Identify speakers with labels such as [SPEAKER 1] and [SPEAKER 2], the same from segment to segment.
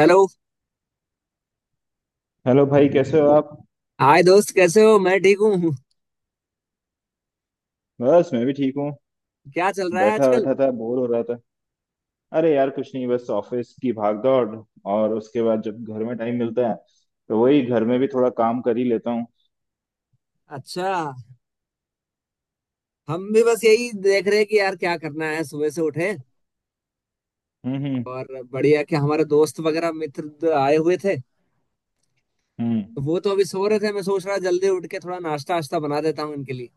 [SPEAKER 1] Hello.
[SPEAKER 2] Hello भाई, कैसे हो आप?
[SPEAKER 1] हाय दोस्त, कैसे हो? मैं ठीक हूँ।
[SPEAKER 2] बस मैं भी ठीक हूँ।
[SPEAKER 1] क्या चल रहा है
[SPEAKER 2] बैठा
[SPEAKER 1] आजकल?
[SPEAKER 2] बैठा था, बोर हो रहा था। अरे यार, कुछ नहीं, बस ऑफिस की भागदौड़। और उसके बाद जब घर में टाइम मिलता है तो वही घर में भी थोड़ा काम कर ही लेता हूँ।
[SPEAKER 1] अच्छा। हम भी बस यही देख रहे हैं कि यार क्या करना है, सुबह से उठे।
[SPEAKER 2] हम्म, हम्म,
[SPEAKER 1] और बढ़िया कि हमारे दोस्त वगैरह मित्र आए हुए थे।
[SPEAKER 2] हम्म।
[SPEAKER 1] तो वो तो अभी सो रहे थे, मैं सोच रहा जल्दी उठ के थोड़ा नाश्ता वाश्ता बना देता हूँ इनके लिए।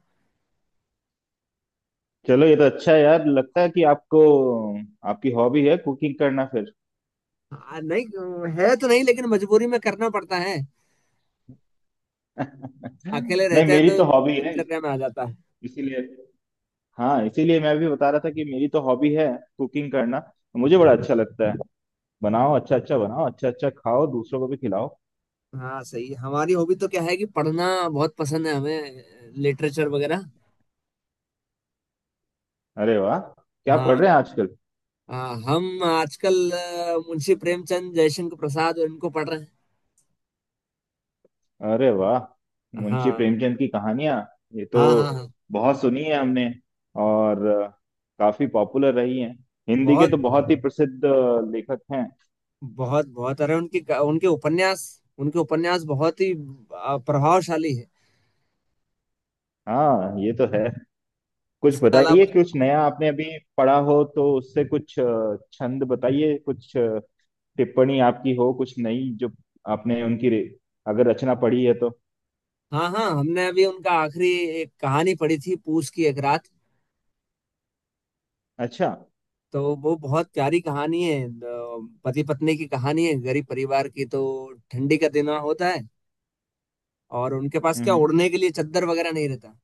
[SPEAKER 2] चलो ये तो अच्छा है यार, लगता है कि आपको, आपकी हॉबी है कुकिंग करना फिर।
[SPEAKER 1] हाँ नहीं, है तो नहीं लेकिन मजबूरी में करना पड़ता है। अकेले
[SPEAKER 2] नहीं,
[SPEAKER 1] रहते हैं
[SPEAKER 2] मेरी
[SPEAKER 1] तो
[SPEAKER 2] तो हॉबी है
[SPEAKER 1] दिनचर्या में आ जाता है।
[SPEAKER 2] इसीलिए, हाँ इसीलिए मैं भी बता रहा था कि मेरी तो हॉबी है कुकिंग करना। मुझे बड़ा अच्छा लगता है। बनाओ, अच्छा अच्छा बनाओ, अच्छा अच्छा खाओ, दूसरों को भी खिलाओ।
[SPEAKER 1] हाँ सही, हमारी हॉबी तो क्या है कि पढ़ना बहुत पसंद है हमें, लिटरेचर वगैरह।
[SPEAKER 2] अरे वाह! क्या पढ़
[SPEAKER 1] हाँ
[SPEAKER 2] रहे हैं आजकल?
[SPEAKER 1] हाँ, हम आजकल मुंशी प्रेमचंद, जयशंकर प्रसाद और इनको पढ़ रहे हैं।
[SPEAKER 2] अरे वाह! मुंशी
[SPEAKER 1] हाँ
[SPEAKER 2] प्रेमचंद की कहानियां ये तो
[SPEAKER 1] हाँ हाँ हाँ।
[SPEAKER 2] बहुत सुनी है हमने। और काफी पॉपुलर रही हैं। हिंदी के
[SPEAKER 1] बहुत
[SPEAKER 2] तो बहुत ही प्रसिद्ध लेखक हैं।
[SPEAKER 1] बहुत बहुत, अरे उनकी उनके उपन्यास, उनके उपन्यास बहुत ही प्रभावशाली है।
[SPEAKER 2] हाँ, ये तो है। कुछ
[SPEAKER 1] इसके
[SPEAKER 2] बताइए,
[SPEAKER 1] अलावा।
[SPEAKER 2] कुछ नया आपने अभी पढ़ा हो तो उससे कुछ छंद बताइए, कुछ टिप्पणी आपकी हो कुछ नई, जो आपने उनकी अगर रचना पढ़ी है तो।
[SPEAKER 1] हाँ हाँ, हमने अभी उनका आखिरी एक कहानी पढ़ी थी, पूस की एक रात।
[SPEAKER 2] अच्छा।
[SPEAKER 1] तो वो बहुत प्यारी कहानी है। पति पत्नी की कहानी है, गरीब परिवार की। तो ठंडी का दिन होता है और उनके पास
[SPEAKER 2] हम्म,
[SPEAKER 1] क्या ओढ़ने के लिए चद्दर वगैरह नहीं रहता।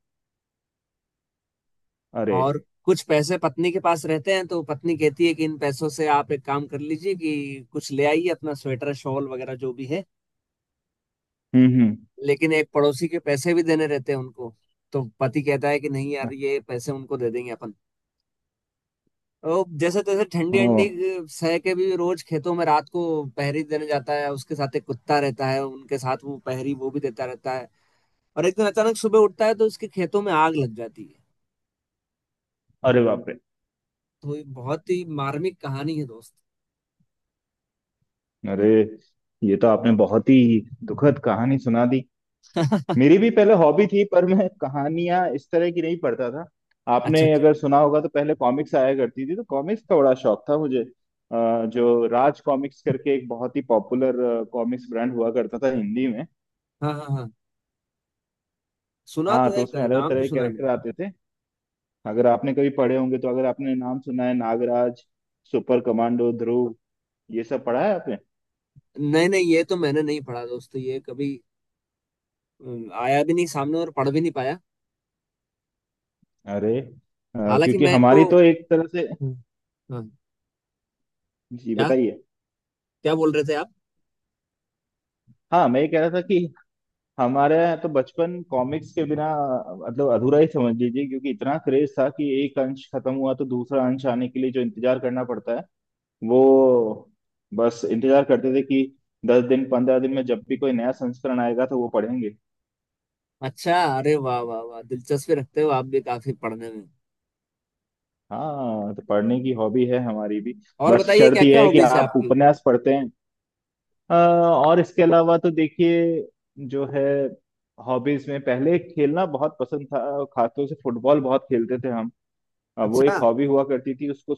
[SPEAKER 2] अरे!
[SPEAKER 1] और कुछ पैसे पत्नी के पास रहते हैं तो पत्नी कहती है कि इन पैसों से आप एक काम कर लीजिए कि कुछ ले आइए अपना स्वेटर शॉल वगैरह जो भी है।
[SPEAKER 2] हम्म,
[SPEAKER 1] लेकिन एक पड़ोसी के पैसे भी देने रहते हैं उनको। तो पति कहता है कि नहीं यार, ये पैसे उनको दे देंगे अपन। तो जैसे तैसे ठंडी
[SPEAKER 2] हम्म, ओ।
[SPEAKER 1] अंडी सह के भी रोज खेतों में रात को पहरी देने जाता है, उसके साथ एक कुत्ता रहता है, उनके साथ वो पहरी वो भी देता रहता है। और एक दिन अचानक सुबह उठता है तो उसके खेतों में आग लग जाती है।
[SPEAKER 2] अरे बाप रे!
[SPEAKER 1] तो ये बहुत ही मार्मिक कहानी है दोस्त।
[SPEAKER 2] अरे, ये तो आपने बहुत ही दुखद कहानी सुना दी। मेरी भी पहले हॉबी थी पर मैं कहानियां इस तरह की नहीं पढ़ता था।
[SPEAKER 1] अच्छा
[SPEAKER 2] आपने
[SPEAKER 1] अच्छा।
[SPEAKER 2] अगर सुना होगा तो पहले कॉमिक्स आया करती थी, तो कॉमिक्स का बड़ा शौक था मुझे जो राज कॉमिक्स करके एक बहुत ही पॉपुलर कॉमिक्स ब्रांड हुआ करता था हिंदी में।
[SPEAKER 1] हाँ हाँ हाँ, सुना
[SPEAKER 2] हाँ,
[SPEAKER 1] तो
[SPEAKER 2] तो
[SPEAKER 1] है,
[SPEAKER 2] उसमें अलग
[SPEAKER 1] नाम
[SPEAKER 2] तरह
[SPEAKER 1] तो
[SPEAKER 2] के
[SPEAKER 1] सुना है मैंने।
[SPEAKER 2] कैरेक्टर आते थे। अगर आपने कभी पढ़े होंगे तो, अगर आपने नाम सुना है, नागराज, सुपर कमांडो ध्रुव, ये सब पढ़ा है आपने?
[SPEAKER 1] नहीं नहीं, ये तो मैंने नहीं पढ़ा दोस्तों, ये कभी आया भी नहीं सामने और पढ़ भी नहीं पाया।
[SPEAKER 2] अरे
[SPEAKER 1] हालांकि
[SPEAKER 2] क्योंकि
[SPEAKER 1] मैं इनको।
[SPEAKER 2] हमारी तो एक तरह से।
[SPEAKER 1] हम्म। हाँ।
[SPEAKER 2] जी
[SPEAKER 1] क्या?
[SPEAKER 2] बताइए।
[SPEAKER 1] क्या बोल रहे थे आप?
[SPEAKER 2] हाँ, मैं ये कह रहा था कि हमारे यहाँ तो बचपन कॉमिक्स के बिना मतलब अधूरा ही समझ लीजिए, क्योंकि इतना क्रेज था कि एक अंश खत्म हुआ तो दूसरा अंश आने के लिए जो इंतजार करना पड़ता है वो, बस इंतजार करते थे कि दस दिन पंद्रह दिन में जब भी कोई नया संस्करण आएगा तो वो पढ़ेंगे।
[SPEAKER 1] अच्छा, अरे वाह वाह वाह, दिलचस्पी रखते हो आप भी काफी पढ़ने में।
[SPEAKER 2] हाँ, तो पढ़ने की हॉबी है हमारी भी।
[SPEAKER 1] और
[SPEAKER 2] बस
[SPEAKER 1] बताइए
[SPEAKER 2] शर्त
[SPEAKER 1] क्या क्या
[SPEAKER 2] यह है कि
[SPEAKER 1] हॉबीज है
[SPEAKER 2] आप
[SPEAKER 1] आपकी?
[SPEAKER 2] उपन्यास पढ़ते हैं। और इसके अलावा तो देखिए, जो है हॉबीज में, पहले खेलना बहुत पसंद था, खासतौर से फुटबॉल बहुत खेलते थे। अब वो
[SPEAKER 1] अच्छा
[SPEAKER 2] एक हॉबी हुआ करती थी, उसको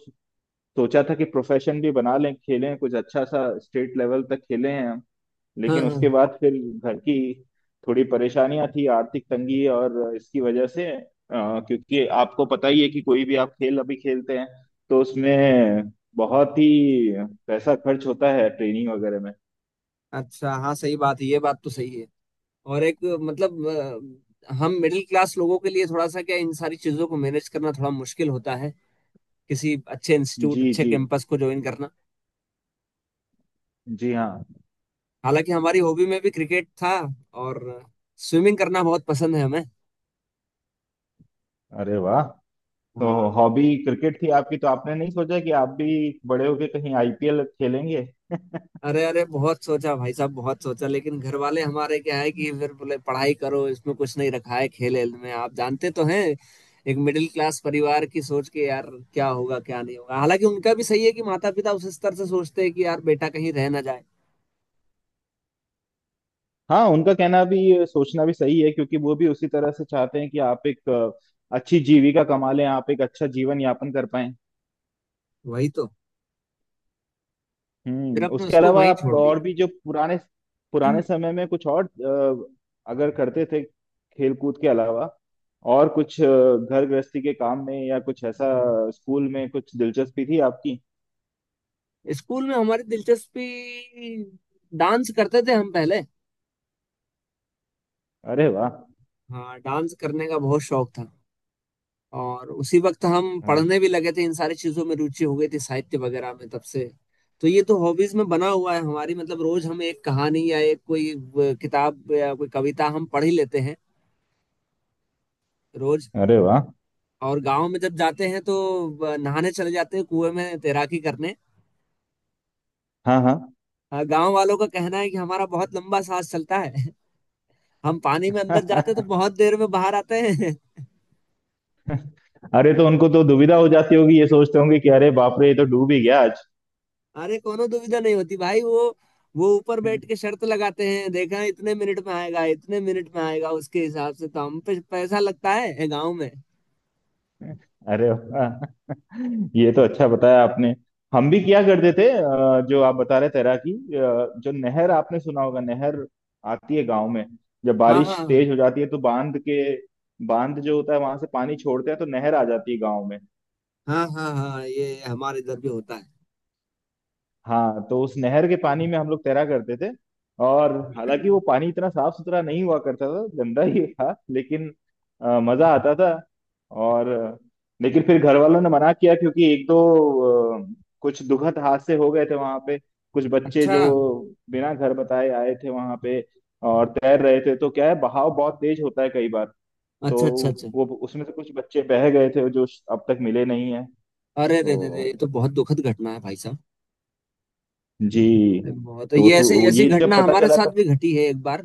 [SPEAKER 2] सोचा था कि प्रोफेशन भी बना लें, खेलें कुछ अच्छा सा, स्टेट लेवल तक खेले हैं हम।
[SPEAKER 1] हाँ
[SPEAKER 2] लेकिन
[SPEAKER 1] हाँ।
[SPEAKER 2] उसके बाद फिर घर की थोड़ी परेशानियां थी, आर्थिक तंगी, और इसकी वजह से क्योंकि आपको पता ही है कि कोई भी आप खेल अभी खेलते हैं तो उसमें बहुत ही पैसा खर्च होता है, ट्रेनिंग वगैरह में।
[SPEAKER 1] अच्छा हाँ, सही बात है, ये बात तो सही है। और एक मतलब हम मिडिल क्लास लोगों के लिए थोड़ा सा क्या इन सारी चीजों को मैनेज करना थोड़ा मुश्किल होता है। किसी अच्छे इंस्टीट्यूट
[SPEAKER 2] जी
[SPEAKER 1] अच्छे
[SPEAKER 2] जी,
[SPEAKER 1] कैंपस को ज्वाइन करना।
[SPEAKER 2] जी हाँ।
[SPEAKER 1] हालांकि हमारी हॉबी में भी क्रिकेट था। और स्विमिंग करना बहुत पसंद है हमें।
[SPEAKER 2] अरे वाह! तो
[SPEAKER 1] हाँ।
[SPEAKER 2] हॉबी क्रिकेट थी आपकी, तो आपने नहीं सोचा कि आप भी बड़े होके कहीं आईपीएल खेलेंगे?
[SPEAKER 1] अरे अरे बहुत सोचा भाई साहब, बहुत सोचा, लेकिन घर वाले हमारे क्या है कि फिर बोले पढ़ाई करो, इसमें कुछ नहीं रखा है, खेल वेल में आप जानते तो हैं, एक मिडिल क्लास परिवार की सोच के यार। क्या होगा क्या नहीं होगा। हालांकि उनका भी सही है, कि माता पिता उस स्तर से सोचते हैं कि यार बेटा कहीं रह ना जाए।
[SPEAKER 2] हाँ, उनका कहना भी, सोचना भी सही है, क्योंकि वो भी उसी तरह से चाहते हैं कि आप एक अच्छी जीविका कमा लें, आप एक अच्छा जीवन यापन कर पाएं।
[SPEAKER 1] वही तो। फिर हमने
[SPEAKER 2] उसके
[SPEAKER 1] उसको
[SPEAKER 2] अलावा
[SPEAKER 1] वहीं
[SPEAKER 2] आप
[SPEAKER 1] छोड़
[SPEAKER 2] और
[SPEAKER 1] दिया।
[SPEAKER 2] भी जो पुराने, पुराने समय में कुछ और अगर करते थे खेल कूद के अलावा, और कुछ घर गृहस्थी के काम में या कुछ ऐसा, स्कूल में कुछ दिलचस्पी थी आपकी?
[SPEAKER 1] स्कूल में हमारी दिलचस्पी, डांस करते थे हम पहले।
[SPEAKER 2] अरे वाह!
[SPEAKER 1] हाँ, डांस करने का बहुत शौक था। और उसी वक्त हम
[SPEAKER 2] अरे!
[SPEAKER 1] पढ़ने भी लगे थे, इन सारी चीजों में रुचि हो गई थी साहित्य वगैरह में तब से। तो ये तो हॉबीज में बना हुआ है हमारी, मतलब रोज हम एक कहानी या एक कोई किताब या कोई कविता हम पढ़ ही लेते हैं रोज।
[SPEAKER 2] अरे वाह!
[SPEAKER 1] और गांव में जब जाते हैं तो नहाने चले जाते हैं कुएं में तैराकी करने।
[SPEAKER 2] हाँ हाँ।
[SPEAKER 1] गांव वालों का कहना है कि हमारा बहुत लंबा सांस चलता है। हम पानी में अंदर जाते हैं तो बहुत देर में बाहर आते हैं।
[SPEAKER 2] अरे, तो उनको तो दुविधा हो जाती होगी, ये सोचते होंगे कि अरे बाप रे, ये तो डूब ही गया आज।
[SPEAKER 1] अरे कोनो दुविधा नहीं होती भाई, वो ऊपर बैठ के शर्त लगाते हैं, देखा इतने मिनट में आएगा इतने मिनट में आएगा, उसके हिसाब से तो हम पे पैसा लगता है गांव में।
[SPEAKER 2] अरे वाह! ये तो अच्छा बताया आपने। हम भी क्या करते थे जो आप बता रहे, तैराकी, जो नहर आपने सुना होगा, नहर आती है गांव में। जब
[SPEAKER 1] हाँ
[SPEAKER 2] बारिश
[SPEAKER 1] हाँ
[SPEAKER 2] तेज हो जाती है तो बांध जो होता है वहां से पानी छोड़ते हैं तो नहर आ जाती है गांव में।
[SPEAKER 1] हाँ हाँ। हाँ हाँ, ये हमारे इधर भी होता है।
[SPEAKER 2] हाँ, तो उस नहर के पानी में हम लोग तैरा करते थे। और हालांकि वो पानी इतना साफ सुथरा नहीं हुआ करता था, गंदा ही था, लेकिन मजा आता था। और लेकिन फिर घर वालों ने मना किया, क्योंकि एक दो अ, कुछ दुखद हादसे हो गए थे वहां पे। कुछ बच्चे
[SPEAKER 1] अच्छा
[SPEAKER 2] जो बिना घर बताए आए थे वहां पे और तैर रहे थे, तो क्या है, बहाव बहुत तेज होता है कई बार। तो
[SPEAKER 1] अच्छा अच्छा। अच्छा।
[SPEAKER 2] वो उसमें से कुछ बच्चे बह गए थे जो अब तक मिले नहीं है।
[SPEAKER 1] अरे रे रे रे, ये
[SPEAKER 2] तो
[SPEAKER 1] तो बहुत दुखद घटना है भाई साहब।
[SPEAKER 2] जी,
[SPEAKER 1] ये बहुत,
[SPEAKER 2] तो
[SPEAKER 1] ये
[SPEAKER 2] उस,
[SPEAKER 1] ऐसे
[SPEAKER 2] वो,
[SPEAKER 1] ऐसी
[SPEAKER 2] ये जब
[SPEAKER 1] घटना
[SPEAKER 2] पता
[SPEAKER 1] हमारे
[SPEAKER 2] चला
[SPEAKER 1] साथ
[SPEAKER 2] तो।
[SPEAKER 1] भी घटी है एक बार।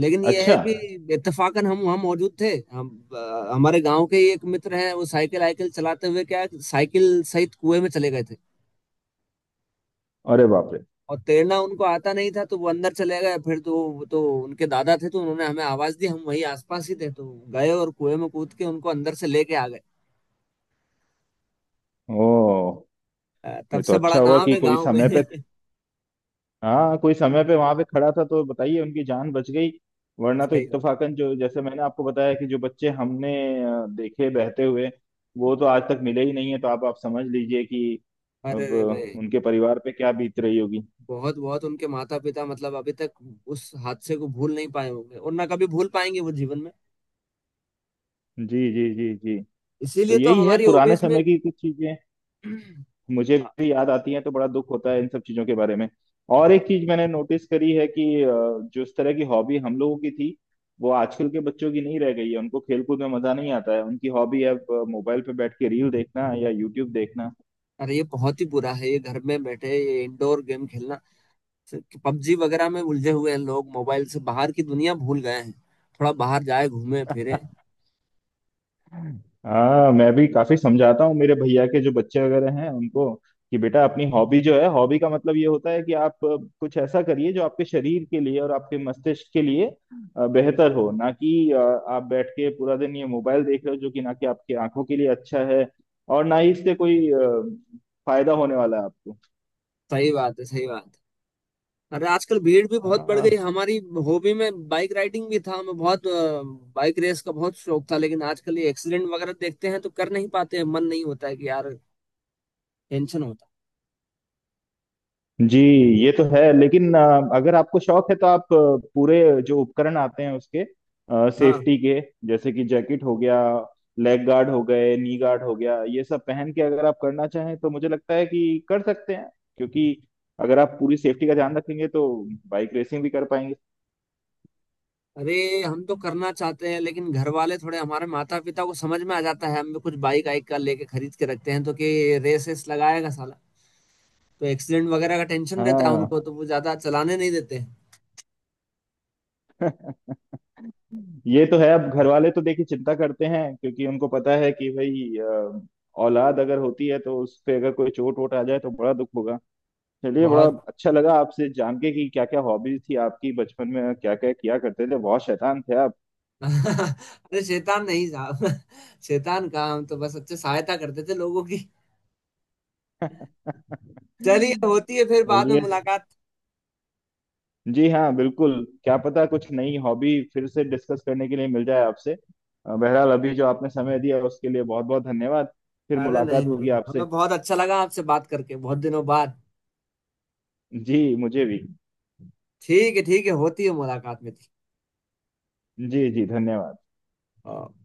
[SPEAKER 1] लेकिन ये है
[SPEAKER 2] अच्छा।
[SPEAKER 1] कि इत्तेफाकन हम वहाँ मौजूद थे हम। हमारे गांव के ही एक मित्र हैं, वो साइकिल आइकिल चलाते हुए क्या साइकिल सहित कुएं में चले गए थे।
[SPEAKER 2] अरे बाप रे,
[SPEAKER 1] और तैरना उनको आता नहीं था तो वो अंदर चले गए, फिर तो वो तो उनके दादा थे तो उन्होंने हमें आवाज दी, हम वहीं आसपास ही थे तो गए और कुएं में कूद के उनको अंदर से लेके आ गए।
[SPEAKER 2] ओ।
[SPEAKER 1] तब
[SPEAKER 2] ये तो
[SPEAKER 1] से बड़ा
[SPEAKER 2] अच्छा हुआ
[SPEAKER 1] नाम
[SPEAKER 2] कि
[SPEAKER 1] है
[SPEAKER 2] कोई
[SPEAKER 1] गांव में।
[SPEAKER 2] समय पे, हाँ कोई समय पे वहां पे खड़ा था, तो बताइए उनकी जान बच गई। वरना तो
[SPEAKER 1] सही बात।
[SPEAKER 2] इत्तफाकन, जो जैसे मैंने आपको बताया कि जो बच्चे हमने देखे बहते हुए, वो तो आज तक मिले ही नहीं है, तो आप समझ लीजिए कि
[SPEAKER 1] अरे
[SPEAKER 2] अब
[SPEAKER 1] रे रे।
[SPEAKER 2] उनके परिवार पे क्या बीत रही होगी।
[SPEAKER 1] बहुत बहुत, उनके माता पिता मतलब अभी तक उस हादसे को भूल नहीं पाए होंगे और ना कभी भूल पाएंगे वो जीवन में।
[SPEAKER 2] जी जी, जी जी। तो
[SPEAKER 1] इसीलिए तो
[SPEAKER 2] यही है
[SPEAKER 1] हमारी
[SPEAKER 2] पुराने
[SPEAKER 1] हॉबीज में।
[SPEAKER 2] समय की कुछ चीजें, मुझे भी याद आती है तो बड़ा दुख होता है इन सब चीजों के बारे में। और एक चीज मैंने नोटिस करी है कि जो इस तरह की हॉबी हम लोगों की थी वो आजकल के बच्चों की नहीं रह गई है, उनको खेल कूद में मजा नहीं आता है, उनकी हॉबी है मोबाइल पे बैठ के रील देखना या यूट्यूब देखना।
[SPEAKER 1] अरे ये बहुत ही बुरा है, ये घर में बैठे ये इंडोर गेम खेलना, पबजी वगैरह में उलझे हुए हैं लोग, मोबाइल से बाहर की दुनिया भूल गए हैं। थोड़ा बाहर जाए घूमे फिरे।
[SPEAKER 2] हाँ, मैं भी काफी समझाता हूँ मेरे भैया के जो बच्चे वगैरह हैं उनको, कि बेटा अपनी हॉबी जो है, हॉबी का मतलब ये होता है कि आप कुछ ऐसा करिए जो आपके शरीर के लिए और आपके मस्तिष्क के लिए बेहतर हो, ना कि आप बैठ के पूरा दिन ये मोबाइल देख रहे हो, जो कि ना कि आपकी आंखों के लिए अच्छा है और ना ही इससे कोई फायदा होने वाला है आपको।
[SPEAKER 1] सही बात है सही बात है। अरे आजकल भीड़ भी बहुत बढ़ गई।
[SPEAKER 2] हाँ,
[SPEAKER 1] हमारी हॉबी में बाइक राइडिंग भी था, हमें बहुत बाइक रेस का बहुत शौक था, लेकिन आजकल ये एक्सीडेंट वगैरह देखते हैं तो कर नहीं पाते हैं, मन नहीं होता है कि यार टेंशन होता
[SPEAKER 2] जी। ये तो है, लेकिन अगर आपको शौक है तो आप पूरे जो उपकरण आते हैं उसके,
[SPEAKER 1] है। हाँ।
[SPEAKER 2] सेफ्टी के, जैसे कि जैकेट हो गया, लेग गार्ड हो गए, नी गार्ड हो गया, ये सब पहन के अगर आप करना चाहें तो मुझे लगता है कि कर सकते हैं, क्योंकि अगर आप पूरी सेफ्टी का ध्यान रखेंगे तो बाइक रेसिंग भी कर पाएंगे।
[SPEAKER 1] अरे हम तो करना चाहते हैं लेकिन घर वाले, थोड़े हमारे माता पिता को समझ में आ जाता है हम भी कुछ बाइक आइक का लेके खरीद के रखते हैं तो कि रेस रेस लगाएगा साला, तो एक्सीडेंट वगैरह का टेंशन रहता है
[SPEAKER 2] हाँ।
[SPEAKER 1] उनको, तो वो ज्यादा चलाने नहीं देते हैं।
[SPEAKER 2] ये तो है, अब घर वाले तो देखिए चिंता करते हैं, क्योंकि उनको पता है कि भाई औलाद अगर होती है तो उस पे अगर कोई चोट वोट आ जाए तो बड़ा दुख होगा। चलिए, बड़ा
[SPEAKER 1] बहुत।
[SPEAKER 2] अच्छा लगा आपसे जान के कि क्या क्या हॉबीज थी आपकी बचपन में, क्या क्या किया करते थे, बहुत शैतान थे आप।
[SPEAKER 1] अरे शैतान नहीं साहब, शैतान कहाँ, हम तो बस अच्छे सहायता करते थे लोगों की। चलिए, होती है फिर बाद में
[SPEAKER 2] चलिए,
[SPEAKER 1] मुलाकात।
[SPEAKER 2] जी हाँ बिल्कुल। क्या पता कुछ नई हॉबी फिर से डिस्कस करने के लिए मिल जाए आपसे। बहरहाल, अभी जो आपने समय दिया उसके लिए बहुत बहुत धन्यवाद। फिर
[SPEAKER 1] अरे नहीं
[SPEAKER 2] मुलाकात होगी
[SPEAKER 1] नहीं,
[SPEAKER 2] आपसे।
[SPEAKER 1] हमें बहुत अच्छा लगा आपसे बात करके बहुत दिनों बाद।
[SPEAKER 2] जी, मुझे भी।
[SPEAKER 1] ठीक है ठीक है, होती है मुलाकात मेरी।
[SPEAKER 2] जी जी, धन्यवाद।
[SPEAKER 1] हाँ।